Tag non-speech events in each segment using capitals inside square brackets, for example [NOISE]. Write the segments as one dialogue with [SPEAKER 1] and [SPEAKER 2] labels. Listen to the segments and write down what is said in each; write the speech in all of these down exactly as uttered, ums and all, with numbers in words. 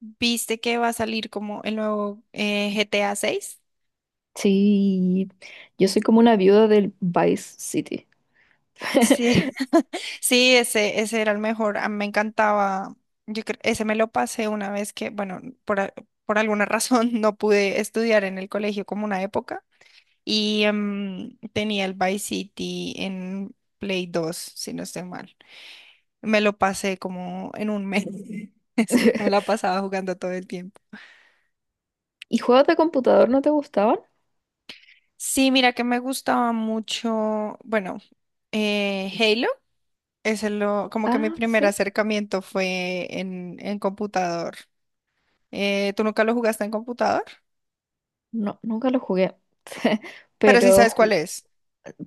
[SPEAKER 1] ¿Viste que va a salir como el nuevo eh, G T A seis?
[SPEAKER 2] Sí, yo soy como una viuda del Vice City.
[SPEAKER 1] Sí,
[SPEAKER 2] [LAUGHS]
[SPEAKER 1] [LAUGHS] sí, ese, ese era el mejor. A mí me encantaba. Yo cre- ese me lo pasé una vez que, bueno, por, a- por alguna razón [LAUGHS] no pude estudiar en el colegio como una época y em, tenía el Vice City en Play dos si no estoy mal. Me lo pasé como en un mes, [LAUGHS] es porque me la pasaba jugando todo el tiempo.
[SPEAKER 2] ¿Y juegos de computador no te gustaban?
[SPEAKER 1] Sí, mira que me gustaba mucho, bueno, eh, Halo. Ese lo, como que mi
[SPEAKER 2] Ah,
[SPEAKER 1] primer
[SPEAKER 2] sí.
[SPEAKER 1] acercamiento fue en, en computador. Eh, ¿tú nunca lo jugaste en computador?
[SPEAKER 2] No, nunca los jugué. [LAUGHS]
[SPEAKER 1] Pero sí
[SPEAKER 2] Pero,
[SPEAKER 1] sabes cuál
[SPEAKER 2] ju-
[SPEAKER 1] es.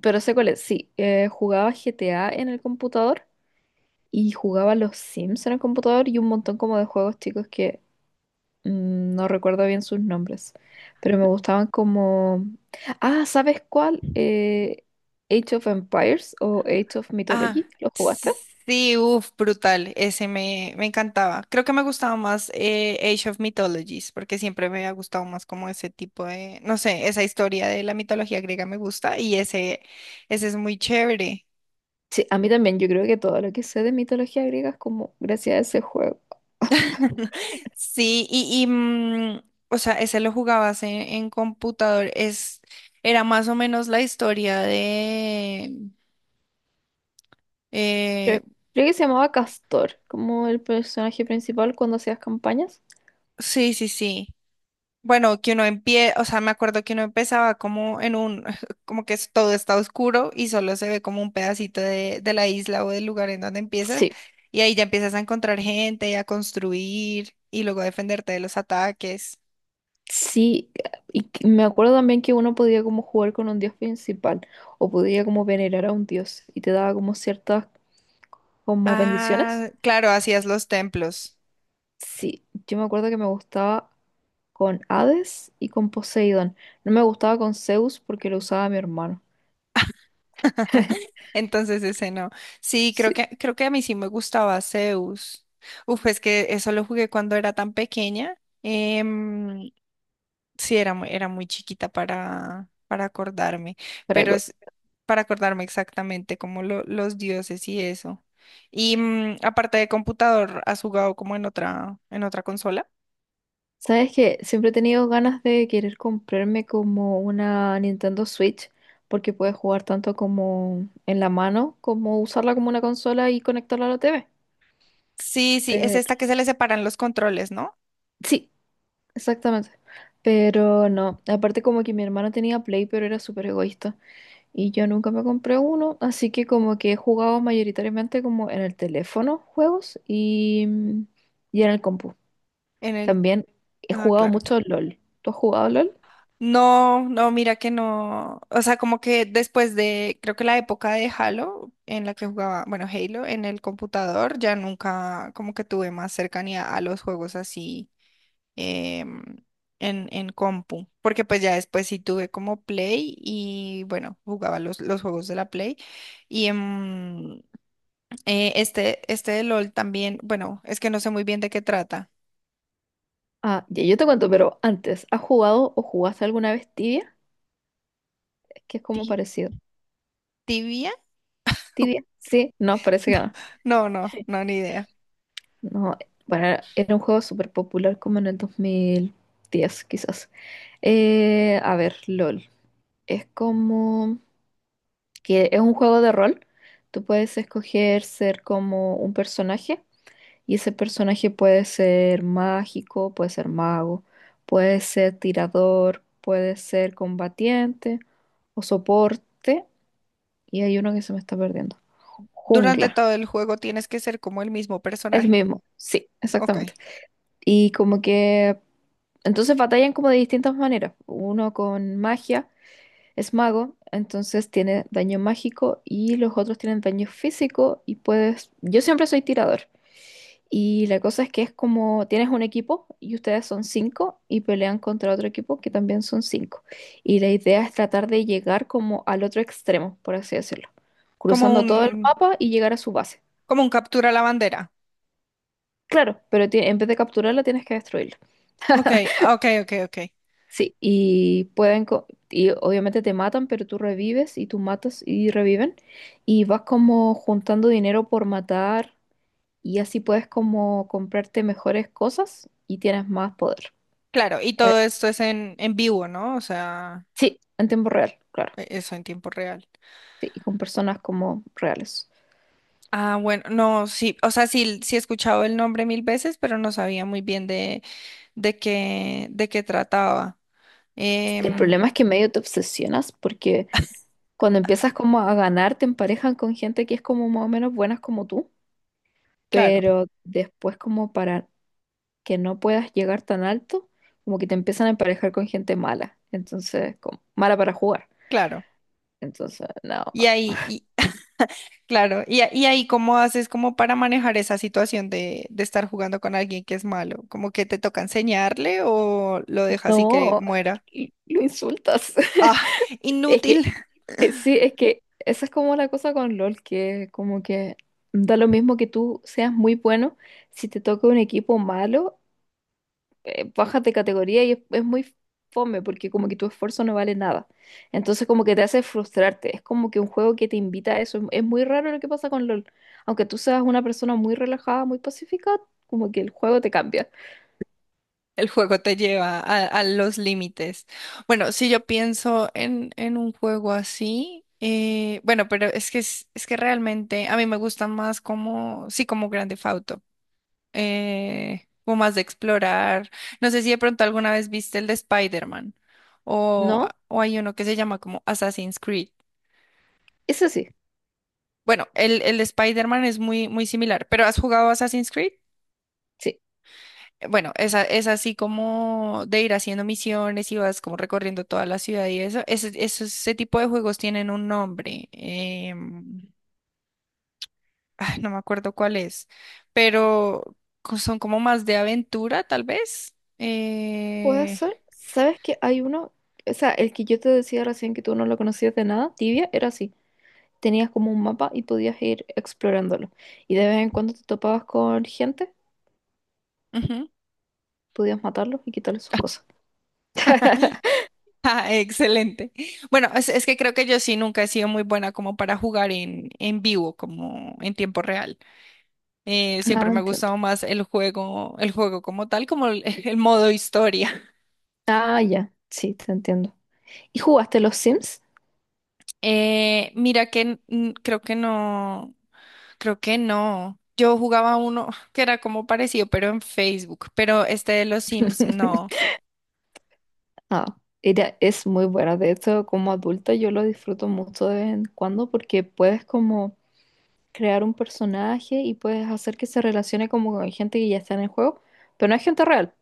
[SPEAKER 2] pero sé cuál es. Sí, eh, jugaba G T A en el computador y jugaba los Sims en el computador y un montón como de juegos chicos que mm, no recuerdo bien sus nombres. Pero me gustaban como... Ah, ¿sabes cuál? Eh, Age of Empires o Age of
[SPEAKER 1] Ah,
[SPEAKER 2] Mythology. ¿Lo jugaste?
[SPEAKER 1] s- sí, uff, brutal. Ese me, me encantaba. Creo que me gustaba más eh, Age of Mythologies, porque siempre me ha gustado más como ese tipo de, no sé, esa historia de la mitología griega me gusta y ese, ese es muy chévere.
[SPEAKER 2] Sí, a mí también, yo creo que todo lo que sé de mitología griega es como gracias a ese juego.
[SPEAKER 1] [LAUGHS] Sí, y, y, mm, o sea, ese lo jugabas en, en computador. Es, era más o menos la historia de...
[SPEAKER 2] Creo,
[SPEAKER 1] eh,
[SPEAKER 2] creo que se llamaba Castor, como el personaje principal cuando hacías campañas.
[SPEAKER 1] sí, sí, sí. Bueno, que uno empieza, o sea, me acuerdo que uno empezaba como en un, [LAUGHS] como que es- todo está oscuro y solo se ve como un pedacito de, de la isla o del lugar en donde empiezas.
[SPEAKER 2] Sí,
[SPEAKER 1] Y ahí ya empiezas a encontrar gente, a construir y luego a defenderte de los ataques.
[SPEAKER 2] sí, y que- me acuerdo también que uno podía como jugar con un dios principal o podía como venerar a un dios y te daba como ciertas como bendiciones.
[SPEAKER 1] Ah, claro, hacías los templos.
[SPEAKER 2] Sí, yo me acuerdo que me gustaba con Hades y con Poseidón. No me gustaba con Zeus porque lo usaba mi hermano.
[SPEAKER 1] [LAUGHS]
[SPEAKER 2] [LAUGHS]
[SPEAKER 1] Entonces ese no. Sí, creo que,
[SPEAKER 2] Sí,
[SPEAKER 1] creo que a mí sí me gustaba Zeus. Uf, es que eso lo jugué cuando era tan pequeña. Em, sí, era, mu- era muy chiquita para, para acordarme,
[SPEAKER 2] para
[SPEAKER 1] pero es para acordarme exactamente como lo- los dioses y eso. Y mm, aparte de computador, ¿has jugado como en otra, en otra consola?
[SPEAKER 2] Sabes que siempre he tenido ganas de querer comprarme como una Nintendo Switch porque puedes jugar tanto como en la mano como usarla como una consola y conectarla a la T V.
[SPEAKER 1] Sí, sí, es
[SPEAKER 2] Pero
[SPEAKER 1] esta que se le separan los controles, ¿no?
[SPEAKER 2] sí, exactamente. Pero no, aparte como que mi hermano tenía Play pero era súper egoísta y yo nunca me compré uno, así que como que he jugado mayoritariamente como en el teléfono juegos y, y en el compu.
[SPEAKER 1] En el...
[SPEAKER 2] También he
[SPEAKER 1] Ah,
[SPEAKER 2] jugado
[SPEAKER 1] claro.
[SPEAKER 2] mucho LOL. ¿Tú has jugado LOL?
[SPEAKER 1] No, no, mira que no. O sea, como que después de, creo que la época de Halo, en la que jugaba, bueno, Halo en el computador, ya nunca como que tuve más cercanía a los juegos así em, en, en compu. Porque pues ya después sí tuve como Play y bueno, jugaba los, los juegos de la Play. Y em, eh, este, este de LOL también, bueno, es que no sé muy bien de qué trata.
[SPEAKER 2] Ah, ya, yo te cuento, pero antes, ¿has jugado o jugaste alguna vez Tibia? Es que es como
[SPEAKER 1] Ti-
[SPEAKER 2] parecido.
[SPEAKER 1] ¿Tibia? [LAUGHS]
[SPEAKER 2] ¿Tibia? Sí, no, parece que no.
[SPEAKER 1] No, no, no, ni idea.
[SPEAKER 2] No, bueno, era un juego súper popular como en el dos mil diez, quizás. Eh, a ver, LOL. Es como que es un juego de rol. Tú puedes escoger ser como un personaje y ese personaje puede ser mágico, puede ser mago, puede ser tirador, puede ser combatiente o soporte. Y hay uno que se me está perdiendo.
[SPEAKER 1] Durante
[SPEAKER 2] Jungla.
[SPEAKER 1] todo el juego tienes que ser como el mismo
[SPEAKER 2] El
[SPEAKER 1] personaje.
[SPEAKER 2] mismo. Sí,
[SPEAKER 1] Ok.
[SPEAKER 2] exactamente. Y como que. Entonces batallan como de distintas maneras. Uno con magia, es mago, entonces tiene daño mágico y los otros tienen daño físico y puedes. Yo siempre soy tirador. Y la cosa es que es como tienes un equipo y ustedes son cinco y pelean contra otro equipo que también son cinco. Y la idea es tratar de llegar como al otro extremo, por así decirlo,
[SPEAKER 1] Como
[SPEAKER 2] cruzando todo el
[SPEAKER 1] un,
[SPEAKER 2] mapa y llegar a su base.
[SPEAKER 1] como un captura la bandera.
[SPEAKER 2] Claro, pero ti- en vez de capturarla tienes que destruirla.
[SPEAKER 1] Ok, ok, ok, ok.
[SPEAKER 2] Sí, y pueden co- y obviamente te matan, pero tú revives y tú matas y reviven y vas como juntando dinero por matar y así puedes como comprarte mejores cosas y tienes más poder.
[SPEAKER 1] Claro, y
[SPEAKER 2] Eh,
[SPEAKER 1] todo esto es en, en vivo, ¿no? O sea,
[SPEAKER 2] Sí, en tiempo real, claro.
[SPEAKER 1] e- eso en tiempo real.
[SPEAKER 2] Sí, y con personas como reales.
[SPEAKER 1] Ah, bueno, no, sí, o sea, sí, sí he escuchado el nombre mil veces, pero no sabía muy bien de, de qué, de qué trataba.
[SPEAKER 2] El
[SPEAKER 1] Em,
[SPEAKER 2] problema es que medio te obsesionas porque cuando empiezas como a ganar te emparejan con gente que es como más o menos buenas como tú,
[SPEAKER 1] claro,
[SPEAKER 2] pero después como para que no puedas llegar tan alto, como que te empiezan a emparejar con gente mala, entonces, como, mala para jugar.
[SPEAKER 1] claro.
[SPEAKER 2] Entonces, no,
[SPEAKER 1] Y ahí, y, claro, y, a- y ahí cómo haces como para manejar esa situación de, de estar jugando con alguien que es malo, como que te toca enseñarle o lo dejas así que
[SPEAKER 2] no,
[SPEAKER 1] muera.
[SPEAKER 2] y lo insultas. [LAUGHS]
[SPEAKER 1] Ah,
[SPEAKER 2] Es
[SPEAKER 1] inútil.
[SPEAKER 2] que, eh, sí,
[SPEAKER 1] [LAUGHS]
[SPEAKER 2] es que esa es como la cosa con LOL, que como que da lo mismo que tú seas muy bueno, si te toca un equipo malo, eh, bajas de categoría y es, es muy fome porque como que tu esfuerzo no vale nada. Entonces como que te hace frustrarte. Es como que un juego que te invita a eso. Es, es muy raro lo que pasa con LOL. Aunque tú seas una persona muy relajada, muy pacífica, como que el juego te cambia.
[SPEAKER 1] El juego te lleva a, a los límites. Bueno, si yo pienso en, en un juego así, eh, bueno, pero es que es, es que realmente a mí me gustan más como, sí, como Grand Theft Auto. Eh, como más de explorar. No sé si de pronto alguna vez viste el de Spider-Man o,
[SPEAKER 2] ¿No?
[SPEAKER 1] o hay uno que se llama como Assassin's Creed.
[SPEAKER 2] Eso sí,
[SPEAKER 1] Bueno, el, el de Spider-Man es muy, muy similar, pero ¿has jugado Assassin's Creed?
[SPEAKER 2] sí.
[SPEAKER 1] Bueno, esa, es así como de ir haciendo misiones y vas como recorriendo toda la ciudad y eso. Ese, eso- ese tipo de juegos tienen un nombre. em, [LAUGHS] ah, no me acuerdo cuál es, pero co- son como más de aventura, tal vez.
[SPEAKER 2] Puede
[SPEAKER 1] Eh,
[SPEAKER 2] ser. ¿Sabes que hay uno? O sea, el que yo te decía recién que tú no lo conocías de nada, Tibia, era así. Tenías como un mapa y podías ir explorándolo. Y de vez en cuando te topabas con gente, podías matarlos y quitarles sus cosas. [LAUGHS]
[SPEAKER 1] [LAUGHS] ah, excelente. Bueno, es, es que creo que yo sí nunca he sido muy buena como para jugar en, en vivo, como en tiempo real. Eh, siempre
[SPEAKER 2] Ah,
[SPEAKER 1] me ha
[SPEAKER 2] entiendo.
[SPEAKER 1] gustado más el juego, el juego como tal, como el, [LAUGHS] el modo historia.
[SPEAKER 2] Ah, ya, sí, te entiendo. ¿Y jugaste los Sims?
[SPEAKER 1] Eh, mira que n- n- creo que no, creo que no. Yo jugaba uno [LAUGHS] que era como parecido, pero en Facebook, pero este de los Sims no.
[SPEAKER 2] [LAUGHS] Ah, era, es muy buena. De hecho, como adulta yo lo disfruto mucho de vez en cuando porque puedes como crear un personaje y puedes hacer que se relacione como con gente que ya está en el juego, pero no es gente real.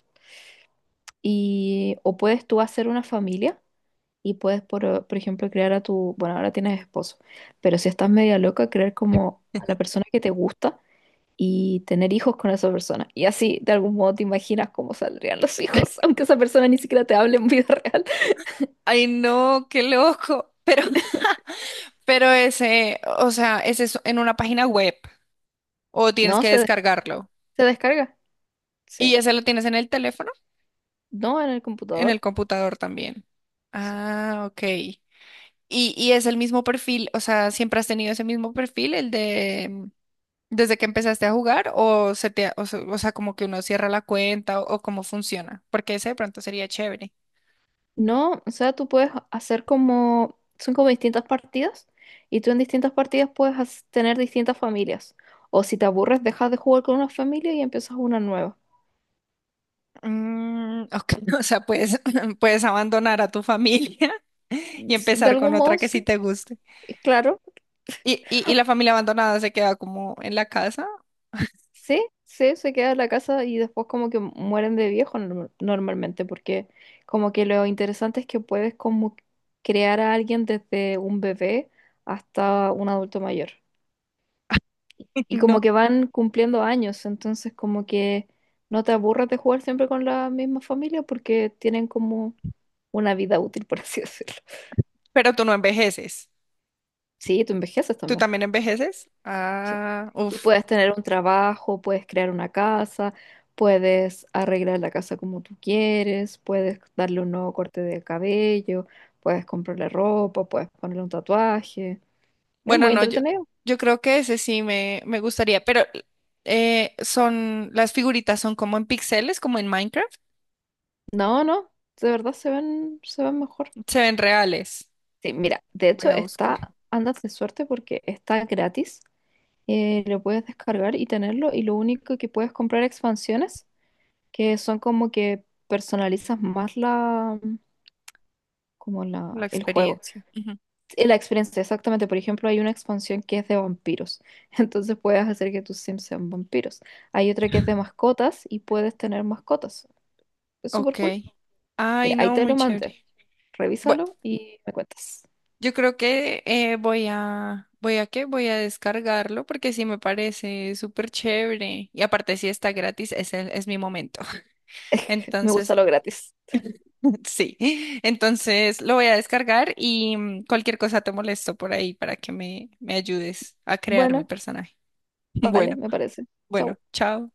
[SPEAKER 2] Y, o puedes tú hacer una familia y puedes, por, por ejemplo, crear a tu, bueno, ahora tienes esposo, pero si estás media loca, crear como a la persona que te gusta y tener hijos con esa persona. Y así, de algún modo, te imaginas cómo saldrían los hijos, aunque esa persona ni siquiera te hable en vida [LAUGHS] real.
[SPEAKER 1] Ay, no, qué loco. Pero, [LAUGHS] pero ese, o sea, ese es en una página web o tienes
[SPEAKER 2] No,
[SPEAKER 1] que
[SPEAKER 2] se, des-
[SPEAKER 1] descargarlo.
[SPEAKER 2] Se descarga, sí.
[SPEAKER 1] ¿Y ese lo tienes en el teléfono?
[SPEAKER 2] No, en el
[SPEAKER 1] En el
[SPEAKER 2] computador.
[SPEAKER 1] computador también.
[SPEAKER 2] Sí.
[SPEAKER 1] Ah, ok. ¿Y, y es el mismo perfil? O sea, ¿siempre has tenido ese mismo perfil, el de mm, desde que empezaste a jugar? ¿O se te, ha- o, se- o sea, como que uno cierra la cuenta o, o cómo funciona? Porque ese de pronto sería chévere.
[SPEAKER 2] No, o sea, tú puedes hacer como, son como distintas partidas, y tú en distintas partidas puedes has- tener distintas familias. O si te aburres, dejas de jugar con una familia y empiezas una nueva.
[SPEAKER 1] Mm, ok, [LAUGHS] o sea, puedes, [LAUGHS] puedes abandonar a tu familia [LAUGHS] y
[SPEAKER 2] S- De
[SPEAKER 1] empezar con
[SPEAKER 2] algún
[SPEAKER 1] otra
[SPEAKER 2] modo,
[SPEAKER 1] que sí
[SPEAKER 2] sí,
[SPEAKER 1] te guste.
[SPEAKER 2] claro.
[SPEAKER 1] ¿Y, y, y la familia abandonada se queda como en la casa?
[SPEAKER 2] Sí, sí, se queda en la casa y después como que mueren de viejo norm- normalmente, porque como que lo interesante es que puedes como crear a alguien desde un bebé hasta un adulto mayor.
[SPEAKER 1] [LAUGHS]
[SPEAKER 2] Y como
[SPEAKER 1] No.
[SPEAKER 2] que van cumpliendo años, entonces como que no te aburras de jugar siempre con la misma familia porque tienen como una vida útil, [LAUGHS] por así decirlo.
[SPEAKER 1] Pero tú no envejeces.
[SPEAKER 2] Sí, tú envejeces
[SPEAKER 1] ¿Tú
[SPEAKER 2] también.
[SPEAKER 1] también envejeces?
[SPEAKER 2] Sí.
[SPEAKER 1] Ah,
[SPEAKER 2] Y
[SPEAKER 1] uff.
[SPEAKER 2] puedes tener un trabajo, puedes crear una casa, puedes arreglar la casa como tú quieres, puedes darle un nuevo corte de cabello, puedes comprarle ropa, puedes ponerle un tatuaje. Es
[SPEAKER 1] Bueno,
[SPEAKER 2] muy
[SPEAKER 1] no, yo,
[SPEAKER 2] entretenido.
[SPEAKER 1] yo creo que ese sí me, me gustaría, pero eh, son, las figuritas son como en píxeles, como en Minecraft.
[SPEAKER 2] No, no, de verdad se ven, se ven mejor.
[SPEAKER 1] Se ven reales.
[SPEAKER 2] Sí, mira, de
[SPEAKER 1] Voy
[SPEAKER 2] hecho
[SPEAKER 1] a buscar
[SPEAKER 2] está, andas de suerte porque está gratis. Eh, lo puedes descargar y tenerlo y lo único que puedes comprar expansiones que son como que personalizas más la, como la,
[SPEAKER 1] la
[SPEAKER 2] el juego.
[SPEAKER 1] experiencia. Ujú.
[SPEAKER 2] eh, La experiencia, exactamente. Por ejemplo, hay una expansión que es de vampiros. [LAUGHS] Entonces puedes hacer que tus Sims sean vampiros. Hay otra que es de mascotas y puedes tener mascotas. Es súper
[SPEAKER 1] Ok.
[SPEAKER 2] cool.
[SPEAKER 1] Ay,
[SPEAKER 2] Mira, ahí
[SPEAKER 1] no,
[SPEAKER 2] te
[SPEAKER 1] muy
[SPEAKER 2] lo
[SPEAKER 1] chévere.
[SPEAKER 2] mandé.
[SPEAKER 1] Bueno,
[SPEAKER 2] Revísalo y me cuentas.
[SPEAKER 1] yo creo que eh, voy a, ¿voy a qué? Voy a descargarlo porque sí me parece súper chévere. Y aparte, si está gratis, ese es mi momento. [LAUGHS]
[SPEAKER 2] Me
[SPEAKER 1] Entonces.
[SPEAKER 2] gusta lo gratis.
[SPEAKER 1] Sí, [LAUGHS] entonces lo voy a descargar y mm, cualquier cosa te molesto por ahí para que me, me ayudes a crear mi
[SPEAKER 2] Bueno,
[SPEAKER 1] personaje. [LAUGHS]
[SPEAKER 2] vale,
[SPEAKER 1] Bueno,
[SPEAKER 2] me parece.
[SPEAKER 1] bueno,
[SPEAKER 2] Chau.
[SPEAKER 1] chao.